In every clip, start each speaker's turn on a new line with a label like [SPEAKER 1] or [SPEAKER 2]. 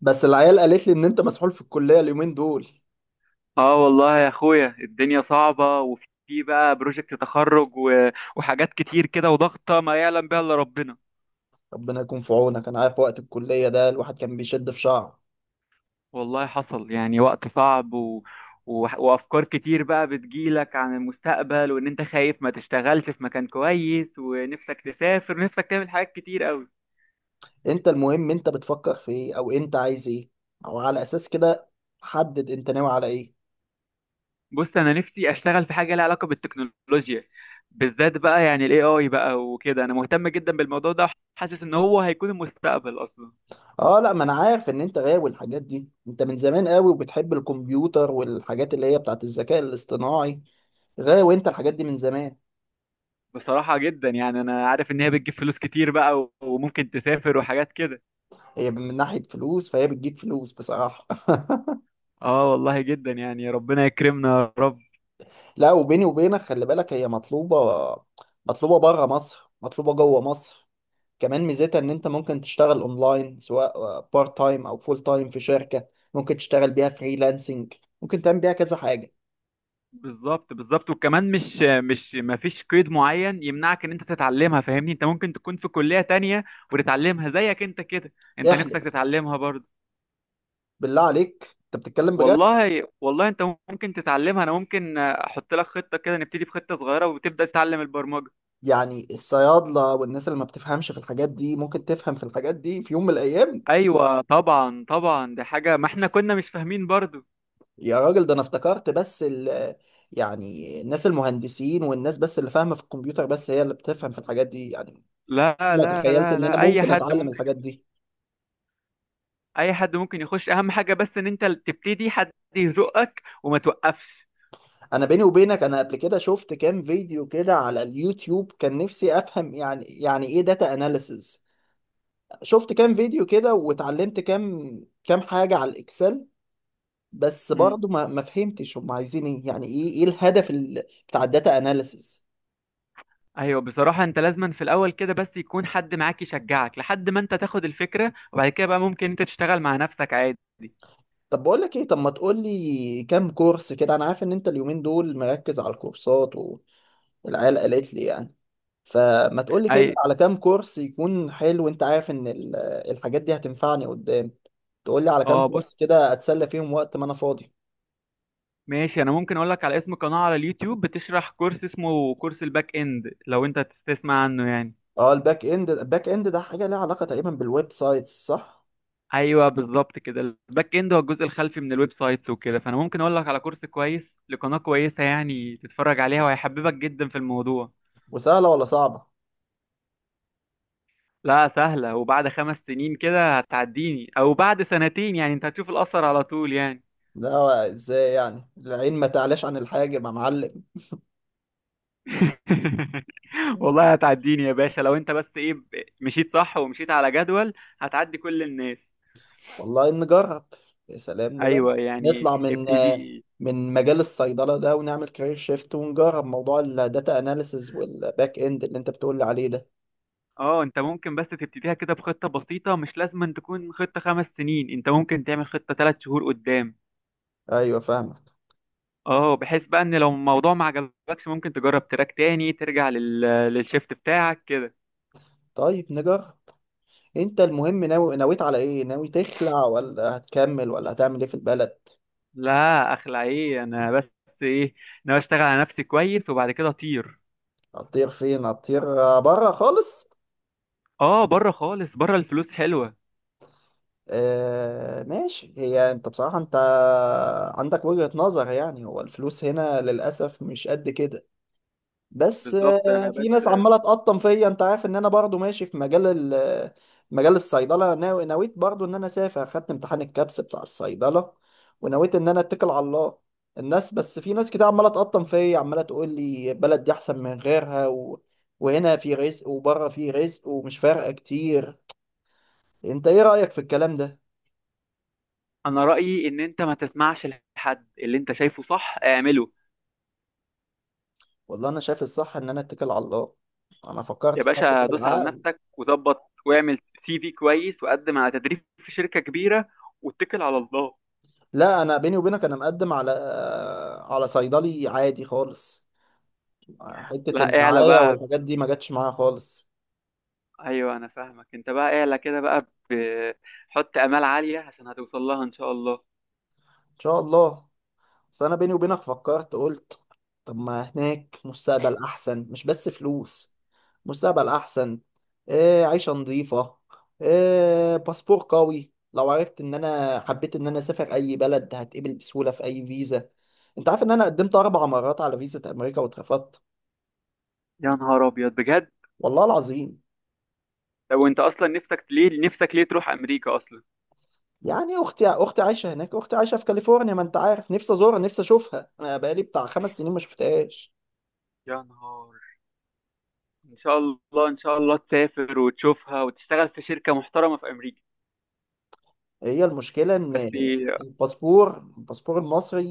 [SPEAKER 1] بس العيال قالت لي ان انت مسحول في الكلية اليومين دول.
[SPEAKER 2] اه، والله يا اخويا الدنيا صعبة، وفي بقى بروجكت تخرج وحاجات كتير كده، وضغطة ما يعلم بها الا ربنا.
[SPEAKER 1] ربنا يكون في عونك، انا عارف وقت الكلية ده الواحد كان بيشد في شعره.
[SPEAKER 2] والله حصل يعني وقت صعب وافكار كتير بقى بتجيلك عن المستقبل، وان انت خايف ما تشتغلش في مكان كويس، ونفسك تسافر، ونفسك تعمل حاجات كتير قوي.
[SPEAKER 1] انت المهم، انت بتفكر في ايه او انت عايز ايه؟ او على اساس كده، حدد انت ناوي على ايه.
[SPEAKER 2] بص، انا نفسي اشتغل في حاجة لها علاقة بالتكنولوجيا، بالذات بقى يعني الاي اي بقى وكده، انا مهتم جدا بالموضوع ده، وحاسس ان هو هيكون المستقبل اصلا.
[SPEAKER 1] اه لا، ما انا عارف ان انت غاوي الحاجات دي، انت من زمان قوي وبتحب الكمبيوتر والحاجات اللي هي بتاعت الذكاء الاصطناعي. غاوي انت الحاجات دي من زمان.
[SPEAKER 2] بصراحة جدا يعني، أنا عارف إن هي بتجيب فلوس كتير بقى وممكن تسافر وحاجات كده.
[SPEAKER 1] هي من ناحية فلوس فهي بتجيب فلوس بصراحة
[SPEAKER 2] آه والله، جدا يعني ربنا يكرمنا، يا رب.
[SPEAKER 1] لا، وبيني وبينك خلي بالك هي مطلوبة. مطلوبة بره مصر، مطلوبة جوه مصر. كمان ميزتها ان انت ممكن تشتغل اونلاين، سواء بارت تايم او فول تايم في شركة. ممكن تشتغل بيها فريلانسنج. ممكن تعمل بيها كذا حاجة.
[SPEAKER 2] بالظبط بالظبط، وكمان مش ما فيش قيد معين يمنعك إن أنت تتعلمها، فاهمني أنت ممكن تكون في كلية تانية وتتعلمها زيك أنت كده، أنت نفسك
[SPEAKER 1] احلف،
[SPEAKER 2] تتعلمها برضه.
[SPEAKER 1] بالله عليك انت بتتكلم بجد؟
[SPEAKER 2] والله والله أنت ممكن تتعلمها، أنا ممكن أحط لك خطة كده، نبتدي بخطة صغيرة وتبدأ تتعلم البرمجة.
[SPEAKER 1] يعني الصيادلة والناس اللي ما بتفهمش في الحاجات دي ممكن تفهم في الحاجات دي في يوم من الايام؟
[SPEAKER 2] أيوة طبعا طبعا، دي حاجة ما إحنا كنا مش فاهمين برضه.
[SPEAKER 1] يا راجل ده انا افتكرت بس ال يعني الناس المهندسين والناس بس اللي فاهمة في الكمبيوتر بس هي اللي بتفهم في الحاجات دي يعني.
[SPEAKER 2] لا
[SPEAKER 1] ما
[SPEAKER 2] لا
[SPEAKER 1] تخيلت
[SPEAKER 2] لا
[SPEAKER 1] ان انا
[SPEAKER 2] لا، اي
[SPEAKER 1] ممكن
[SPEAKER 2] حد
[SPEAKER 1] اتعلم
[SPEAKER 2] ممكن
[SPEAKER 1] الحاجات
[SPEAKER 2] يخش.
[SPEAKER 1] دي.
[SPEAKER 2] اي حد ممكن يخش، اهم حاجه بس ان انت تبتدي، حد يزقك وما توقفش.
[SPEAKER 1] انا بيني وبينك انا قبل كده شفت كام فيديو كده على اليوتيوب، كان نفسي افهم يعني ايه داتا اناليسز. شفت كام فيديو كده واتعلمت كام حاجة على الاكسل. بس
[SPEAKER 2] مم.
[SPEAKER 1] برضو ما فهمتش هم عايزين ايه، يعني ايه الهدف بتاع الداتا اناليسز.
[SPEAKER 2] ايوه، بصراحه انت لازما في الاول كده بس يكون حد معاك يشجعك لحد ما انت تاخد الفكره، وبعد كده بقى ممكن انت تشتغل مع نفسك عادي.
[SPEAKER 1] طب بقول لك ايه، طب ما تقول لي كام كورس كده. انا عارف ان انت اليومين دول مركز على الكورسات، والعيال قالت لي يعني. فما تقولي كده
[SPEAKER 2] اي.
[SPEAKER 1] على كام كورس يكون حلو، وانت عارف ان الحاجات دي هتنفعني قدام. تقولي على كام
[SPEAKER 2] اه، بص.
[SPEAKER 1] كورس كده اتسلى فيهم وقت ما انا فاضي.
[SPEAKER 2] ماشي، انا ممكن اقول لك على اسم قناه على اليوتيوب بتشرح كورس، اسمه كورس الباك اند، لو انت تسمع عنه يعني.
[SPEAKER 1] اه، الباك اند ده حاجة ليها علاقة تقريبا بالويب سايتس، صح؟
[SPEAKER 2] ايوه بالظبط كده، الباك اند هو الجزء الخلفي من الويب سايتس وكده، فانا ممكن اقول لك على كورس كويس لقناه كويسه يعني، تتفرج عليها وهيحببك جدا في الموضوع.
[SPEAKER 1] وسهلة ولا صعبة؟
[SPEAKER 2] لا، سهله، وبعد 5 سنين كده هتعديني، او بعد سنتين يعني، انت هتشوف الاثر على طول يعني.
[SPEAKER 1] لا، ازاي يعني؟ العين ما تعلاش عن الحاجب يا معلم.
[SPEAKER 2] والله هتعديني يا باشا، لو انت بس ايه مشيت صح ومشيت على جدول، هتعدي كل الناس.
[SPEAKER 1] والله نجرب. يا سلام، نجرب
[SPEAKER 2] ايوه يعني،
[SPEAKER 1] نطلع من
[SPEAKER 2] ابتدي.
[SPEAKER 1] مجال الصيدلة ده ونعمل كارير شيفت ونجرب موضوع الداتا اناليسز والباك اند اللي انت بتقولي عليه ده.
[SPEAKER 2] اه، انت ممكن بس تبتديها كده بخطة بسيطة، مش لازم أن تكون خطة 5 سنين، انت ممكن تعمل خطة 3 شهور قدام.
[SPEAKER 1] ايوه فاهمك.
[SPEAKER 2] اه، بحيث بقى ان لو الموضوع ما عجبكش، ممكن تجرب تراك تاني، ترجع للشيفت بتاعك كده.
[SPEAKER 1] طيب انت المهم ناوي، نويت على ايه؟ ناوي تخلع ولا هتكمل ولا هتعمل ايه في البلد؟
[SPEAKER 2] لا، اخلع ايه، انا بس ايه، انا بشتغل على نفسي كويس وبعد كده اطير.
[SPEAKER 1] هتطير فين؟ هتطير بره خالص؟
[SPEAKER 2] اه، بره خالص، بره الفلوس حلوة.
[SPEAKER 1] آه ماشي. هي انت بصراحة، انت عندك وجهة نظر، يعني هو الفلوس هنا للأسف مش قد كده. بس
[SPEAKER 2] بالظبط. انا
[SPEAKER 1] في ناس
[SPEAKER 2] بس،
[SPEAKER 1] عماله تقطم فيا، انت عارف ان انا برضو ماشي في مجال ال- مجال الصيدله، ناوي نويت برضو ان انا اسافر، خدت امتحان الكابس بتاع الصيدله، ونويت ان انا اتكل على الله. الناس، بس في ناس كده عماله تقطم فيا، عماله تقول لي البلد دي احسن من غيرها وهنا في رزق وبره في رزق ومش فارقه كتير. انت ايه رايك في الكلام ده؟
[SPEAKER 2] انا رأيي ان انت ما تسمعش، لحد اللي انت شايفه صح اعمله.
[SPEAKER 1] والله انا شايف الصح ان انا اتكل على الله. انا فكرت
[SPEAKER 2] يا
[SPEAKER 1] في حاجه
[SPEAKER 2] باشا، دوس على
[SPEAKER 1] العقل.
[SPEAKER 2] نفسك وظبط واعمل سي في كويس، وقدم على تدريب في شركة كبيرة، واتكل على الله.
[SPEAKER 1] لا، انا بيني وبينك انا مقدم على على صيدلي عادي خالص. حتة
[SPEAKER 2] لا اعلى
[SPEAKER 1] الدعاية
[SPEAKER 2] بقى.
[SPEAKER 1] والحاجات دي ما جاتش معايا خالص.
[SPEAKER 2] ايوه انا فاهمك، انت بقى اعلى كده بقى، بحط امال عاليه عشان هتوصل لها ان شاء الله.
[SPEAKER 1] ان شاء الله. بس انا بيني وبينك فكرت، قلت طب ما هناك مستقبل احسن، مش بس فلوس. مستقبل احسن. إيه، عيشة نظيفة. إيه، باسبور قوي، لو عرفت ان انا حبيت ان انا اسافر اي بلد هتقبل بسهولة في اي فيزا. انت عارف ان انا قدمت اربع مرات على فيزا امريكا واترفضت.
[SPEAKER 2] يا نهار ابيض، بجد؟
[SPEAKER 1] والله العظيم.
[SPEAKER 2] لو انت اصلا نفسك ليه، نفسك ليه تروح امريكا اصلا؟
[SPEAKER 1] يعني اختي عايشه هناك، اختي عايشه في كاليفورنيا. ما انت عارف، نفسي ازورها، نفسي اشوفها. انا بقالي بتاع خمس سنين ما شفتهاش.
[SPEAKER 2] يا نهار. ان شاء الله ان شاء الله تسافر وتشوفها وتشتغل في شركه محترمه في امريكا.
[SPEAKER 1] هي المشكلة
[SPEAKER 2] بس.
[SPEAKER 1] إن الباسبور المصري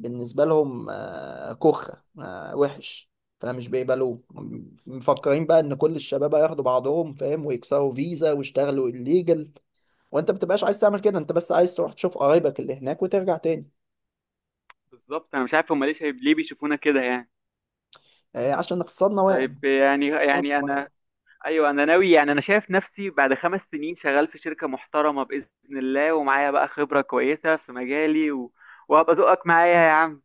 [SPEAKER 1] بالنسبة لهم كخة، وحش، فمش بيقبلوه. مفكرين بقى إن كل الشباب هياخدوا بعضهم، فاهم، ويكسروا فيزا ويشتغلوا الليجل، وأنت بتبقاش عايز تعمل كده، أنت بس عايز تروح تشوف قرايبك اللي هناك وترجع تاني.
[SPEAKER 2] بالظبط، انا مش عارف هم ليه، شايف ليه بيشوفونا كده يعني.
[SPEAKER 1] عشان اقتصادنا واقع.
[SPEAKER 2] طيب يعني،
[SPEAKER 1] اقتصادنا واقع.
[SPEAKER 2] انا. ايوه، انا ناوي يعني، انا شايف نفسي بعد 5 سنين شغال في شركه محترمه باذن الله، ومعايا بقى خبره كويسه في مجالي، و... وهبقى ذوقك معايا يا عم.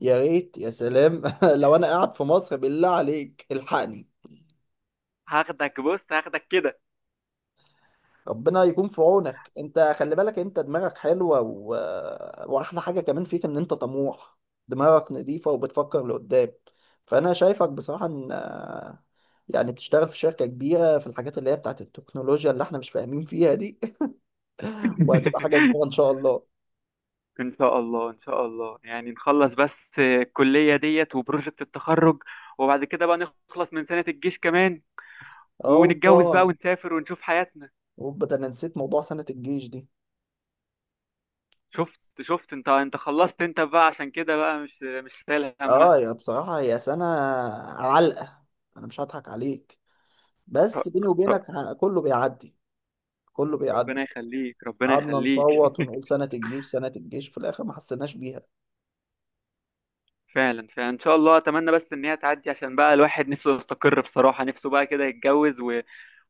[SPEAKER 1] يا ريت. يا سلام لو أنا قاعد في مصر بالله عليك الحقني.
[SPEAKER 2] هاخدك، بص هاخدك كده.
[SPEAKER 1] ربنا يكون في عونك. انت خلي بالك، انت دماغك حلوة واحلى حاجة كمان فيك ان انت طموح. دماغك نظيفة وبتفكر لقدام. فانا شايفك بصراحة ان يعني تشتغل في شركة كبيرة في الحاجات اللي هي بتاعت التكنولوجيا اللي احنا مش فاهمين فيها دي وهتبقى حاجة كبيرة ان شاء الله.
[SPEAKER 2] ان شاء الله ان شاء الله، يعني نخلص بس الكلية ديت وبروجكت التخرج، وبعد كده بقى نخلص من سنة الجيش كمان، ونتجوز بقى
[SPEAKER 1] اوبا،
[SPEAKER 2] ونسافر ونشوف حياتنا.
[SPEAKER 1] اوبا، ده انا نسيت موضوع سنة الجيش دي.
[SPEAKER 2] شفت، انت خلصت انت بقى، عشان كده بقى مش شايل همها.
[SPEAKER 1] اه، يا بصراحة هي سنة علقة، انا مش هضحك عليك. بس
[SPEAKER 2] ر-
[SPEAKER 1] بيني
[SPEAKER 2] ر-
[SPEAKER 1] وبينك كله بيعدي. كله
[SPEAKER 2] ربنا
[SPEAKER 1] بيعدي.
[SPEAKER 2] يخليك، ربنا
[SPEAKER 1] قعدنا
[SPEAKER 2] يخليك.
[SPEAKER 1] نصوت ونقول سنة الجيش، سنة الجيش، في الآخر ما حسيناش بيها.
[SPEAKER 2] فعلا فعلا، ان شاء الله، اتمنى بس ان هي تعدي، عشان بقى الواحد نفسه يستقر، بصراحة نفسه بقى كده يتجوز، و...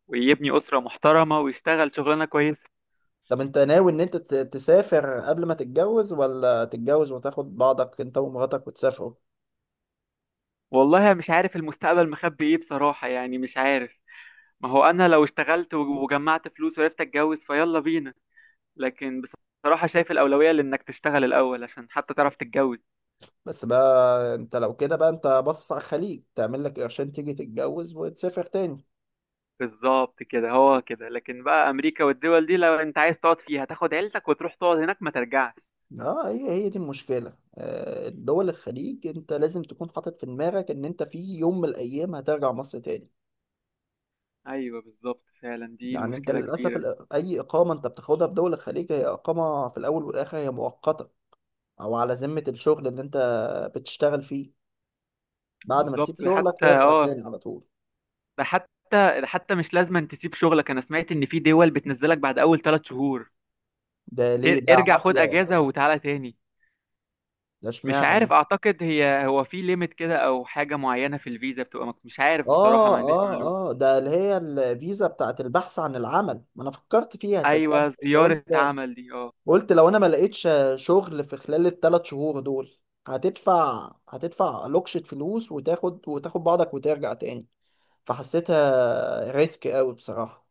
[SPEAKER 2] ويبني أسرة محترمة ويشتغل شغلانة كويسة.
[SPEAKER 1] طب أنت ناوي إن أنت تسافر قبل ما تتجوز، ولا تتجوز وتاخد بعضك أنت ومراتك وتسافروا؟
[SPEAKER 2] والله أنا مش عارف المستقبل مخبي ايه بصراحة يعني، مش عارف. ما هو انا لو اشتغلت وجمعت فلوس وعرفت اتجوز، فيلا بينا. لكن بصراحة شايف الأولوية لانك تشتغل الأول، عشان حتى تعرف تتجوز.
[SPEAKER 1] بس بقى أنت لو كده بقى، أنت باصص على الخليج، تعمل لك قرشين تيجي تتجوز وتسافر تاني.
[SPEAKER 2] بالظبط كده، هو كده، لكن بقى أمريكا والدول دي لو انت عايز تقعد فيها، تاخد عيلتك وتروح تقعد هناك ما ترجعش.
[SPEAKER 1] اه، هي دي المشكلة. دول الخليج انت لازم تكون حاطط في دماغك ان انت في يوم من الايام هترجع مصر تاني.
[SPEAKER 2] ايوه بالظبط، فعلا دي
[SPEAKER 1] يعني انت
[SPEAKER 2] المشكلة
[SPEAKER 1] للاسف
[SPEAKER 2] كبيرة.
[SPEAKER 1] اي اقامة انت بتاخدها في دول الخليج هي اقامة في الاول والاخر، هي مؤقتة او على ذمة الشغل اللي انت بتشتغل فيه. بعد ما تسيب
[SPEAKER 2] بالظبط، ده
[SPEAKER 1] شغلك
[SPEAKER 2] حتى
[SPEAKER 1] ترجع
[SPEAKER 2] اه
[SPEAKER 1] تاني على طول.
[SPEAKER 2] ده حتى ده حتى مش لازم تسيب شغلك، انا سمعت ان في دول بتنزلك بعد اول 3 شهور.
[SPEAKER 1] ده ليه ده؟
[SPEAKER 2] ارجع خد
[SPEAKER 1] عافية ولا
[SPEAKER 2] اجازة
[SPEAKER 1] ايه؟
[SPEAKER 2] وتعالى تاني.
[SPEAKER 1] ده
[SPEAKER 2] مش
[SPEAKER 1] اشمعنى
[SPEAKER 2] عارف،
[SPEAKER 1] ايه؟
[SPEAKER 2] اعتقد هي هو في ليميت كده او حاجه معينه في الفيزا بتبقى مش عارف بصراحه،
[SPEAKER 1] اه،
[SPEAKER 2] ما عنديش معلومه.
[SPEAKER 1] اه، اه، ده اللي هي الفيزا بتاعت البحث عن العمل، ما انا فكرت فيها
[SPEAKER 2] ايوه،
[SPEAKER 1] صدقني. بس
[SPEAKER 2] زياره
[SPEAKER 1] قلت،
[SPEAKER 2] عمل دي، اه.
[SPEAKER 1] قلت لو انا ما لقيتش شغل في خلال الثلاث شهور دول، هتدفع لوكشة فلوس وتاخد بعضك وترجع تاني. فحسيتها ريسك قوي بصراحة.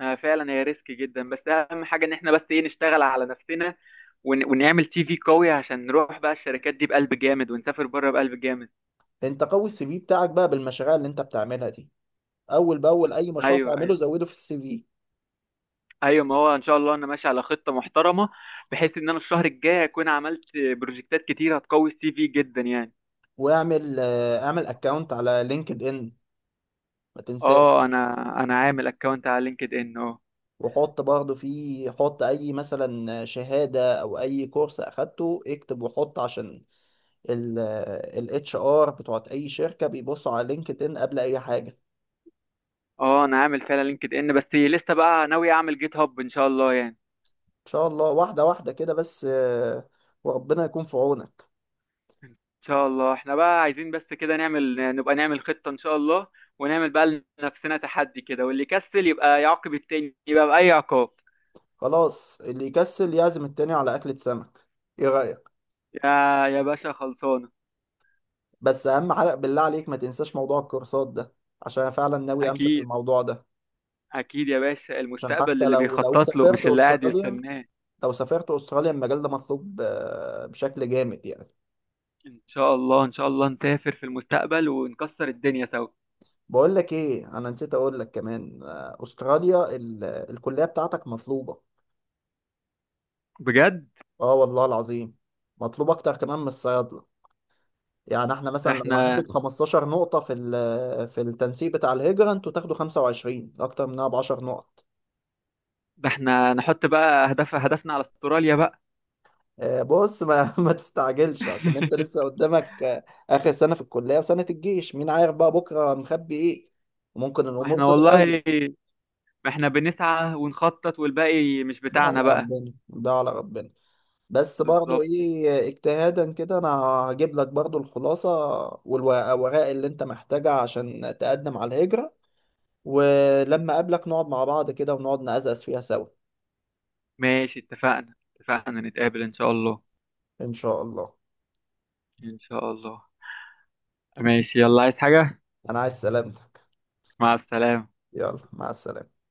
[SPEAKER 2] آه، فعلا هي ريسك جدا، بس اهم حاجه ان احنا بس ايه، نشتغل على نفسنا ونعمل سي في قوي، عشان نروح بقى الشركات دي بقلب جامد، ونسافر بره بقلب جامد.
[SPEAKER 1] انت قوي السي في بتاعك بقى بالمشاريع اللي انت بتعملها دي. اول باول اي مشروع
[SPEAKER 2] ايوه ايوه.
[SPEAKER 1] تعمله زوده في السي في.
[SPEAKER 2] ايوه ما هو ان شاء الله انا ماشي على خطه محترمه، بحيث ان انا الشهر الجاي اكون عملت بروجكتات كتير هتقوي السي في جدا يعني.
[SPEAKER 1] واعمل، اعمل اكونت على لينكد ان، ما تنساش.
[SPEAKER 2] اه، انا عامل اكونت على لينكد ان، آه.
[SPEAKER 1] وحط برضه فيه، حط اي مثلا شهاده او اي كورس اخدته اكتب وحط، عشان الاتش ار بتوعت اي شركه بيبصوا على لينكد ان قبل اي حاجه.
[SPEAKER 2] اه، انا عامل فعلا لينكد ان، بس لسه بقى ناوي اعمل جيت هاب ان شاء الله يعني.
[SPEAKER 1] ان شاء الله، واحده واحده كده بس. وربنا يكون في عونك.
[SPEAKER 2] ان شاء الله، احنا بقى عايزين بس كده نعمل، نبقى نعمل خطة ان شاء الله، ونعمل بقى لنفسنا تحدي كده، واللي يكسل يبقى يعاقب التاني، يبقى بأي عقاب.
[SPEAKER 1] خلاص، اللي يكسل يعزم التاني على اكلة سمك، ايه رايك؟
[SPEAKER 2] يا يا باشا، خلصانة.
[SPEAKER 1] بس اهم حاجه بالله عليك ما تنساش موضوع الكورسات ده، عشان أنا فعلا ناوي امشي في
[SPEAKER 2] اكيد
[SPEAKER 1] الموضوع ده.
[SPEAKER 2] اكيد يا باشا،
[SPEAKER 1] عشان حتى
[SPEAKER 2] المستقبل اللي
[SPEAKER 1] لو
[SPEAKER 2] بيخطط له
[SPEAKER 1] سافرت
[SPEAKER 2] مش اللي قاعد
[SPEAKER 1] استراليا،
[SPEAKER 2] يستناه.
[SPEAKER 1] لو سافرت استراليا المجال ده مطلوب بشكل جامد يعني.
[SPEAKER 2] ان شاء الله ان شاء الله نسافر في المستقبل، ونكسر الدنيا سوا.
[SPEAKER 1] بقول لك ايه، انا نسيت اقول لك كمان، استراليا الكليه بتاعتك مطلوبه.
[SPEAKER 2] بجد.
[SPEAKER 1] اه والله العظيم. مطلوب اكتر كمان من الصيادله. يعني احنا
[SPEAKER 2] ده
[SPEAKER 1] مثلا لو
[SPEAKER 2] احنا
[SPEAKER 1] هناخد 15 نقطه في في التنسيق بتاع الهجره، انتوا تاخدوا 25، اكتر منها ب 10 نقط.
[SPEAKER 2] ده احنا نحط بقى اهداف، هدفنا على استراليا بقى.
[SPEAKER 1] بص ما ما تستعجلش عشان انت لسه قدامك، اخر سنه في الكليه وسنه الجيش، مين عارف بقى بكره مخبي ايه؟ وممكن
[SPEAKER 2] ما
[SPEAKER 1] الامور
[SPEAKER 2] احنا
[SPEAKER 1] تتغير.
[SPEAKER 2] والله، ما احنا بنسعى ونخطط، والباقي مش
[SPEAKER 1] ده على
[SPEAKER 2] بتاعنا بقى.
[SPEAKER 1] ربنا، ده على ربنا. بس برضو
[SPEAKER 2] بالظبط.
[SPEAKER 1] ايه، اجتهادا كده انا هجيب لك برضو الخلاصه والورق اللي انت محتاجها عشان تقدم على الهجره، ولما اقابلك نقعد مع بعض كده ونقعد نقزقز فيها سوا.
[SPEAKER 2] ماشي، اتفقنا اتفقنا، نتقابل ان شاء الله.
[SPEAKER 1] ان شاء الله.
[SPEAKER 2] ان شاء الله. ماشي، يلا، عايز حاجة؟
[SPEAKER 1] انا عايز سلامتك.
[SPEAKER 2] مع السلامة.
[SPEAKER 1] يلا مع السلامه.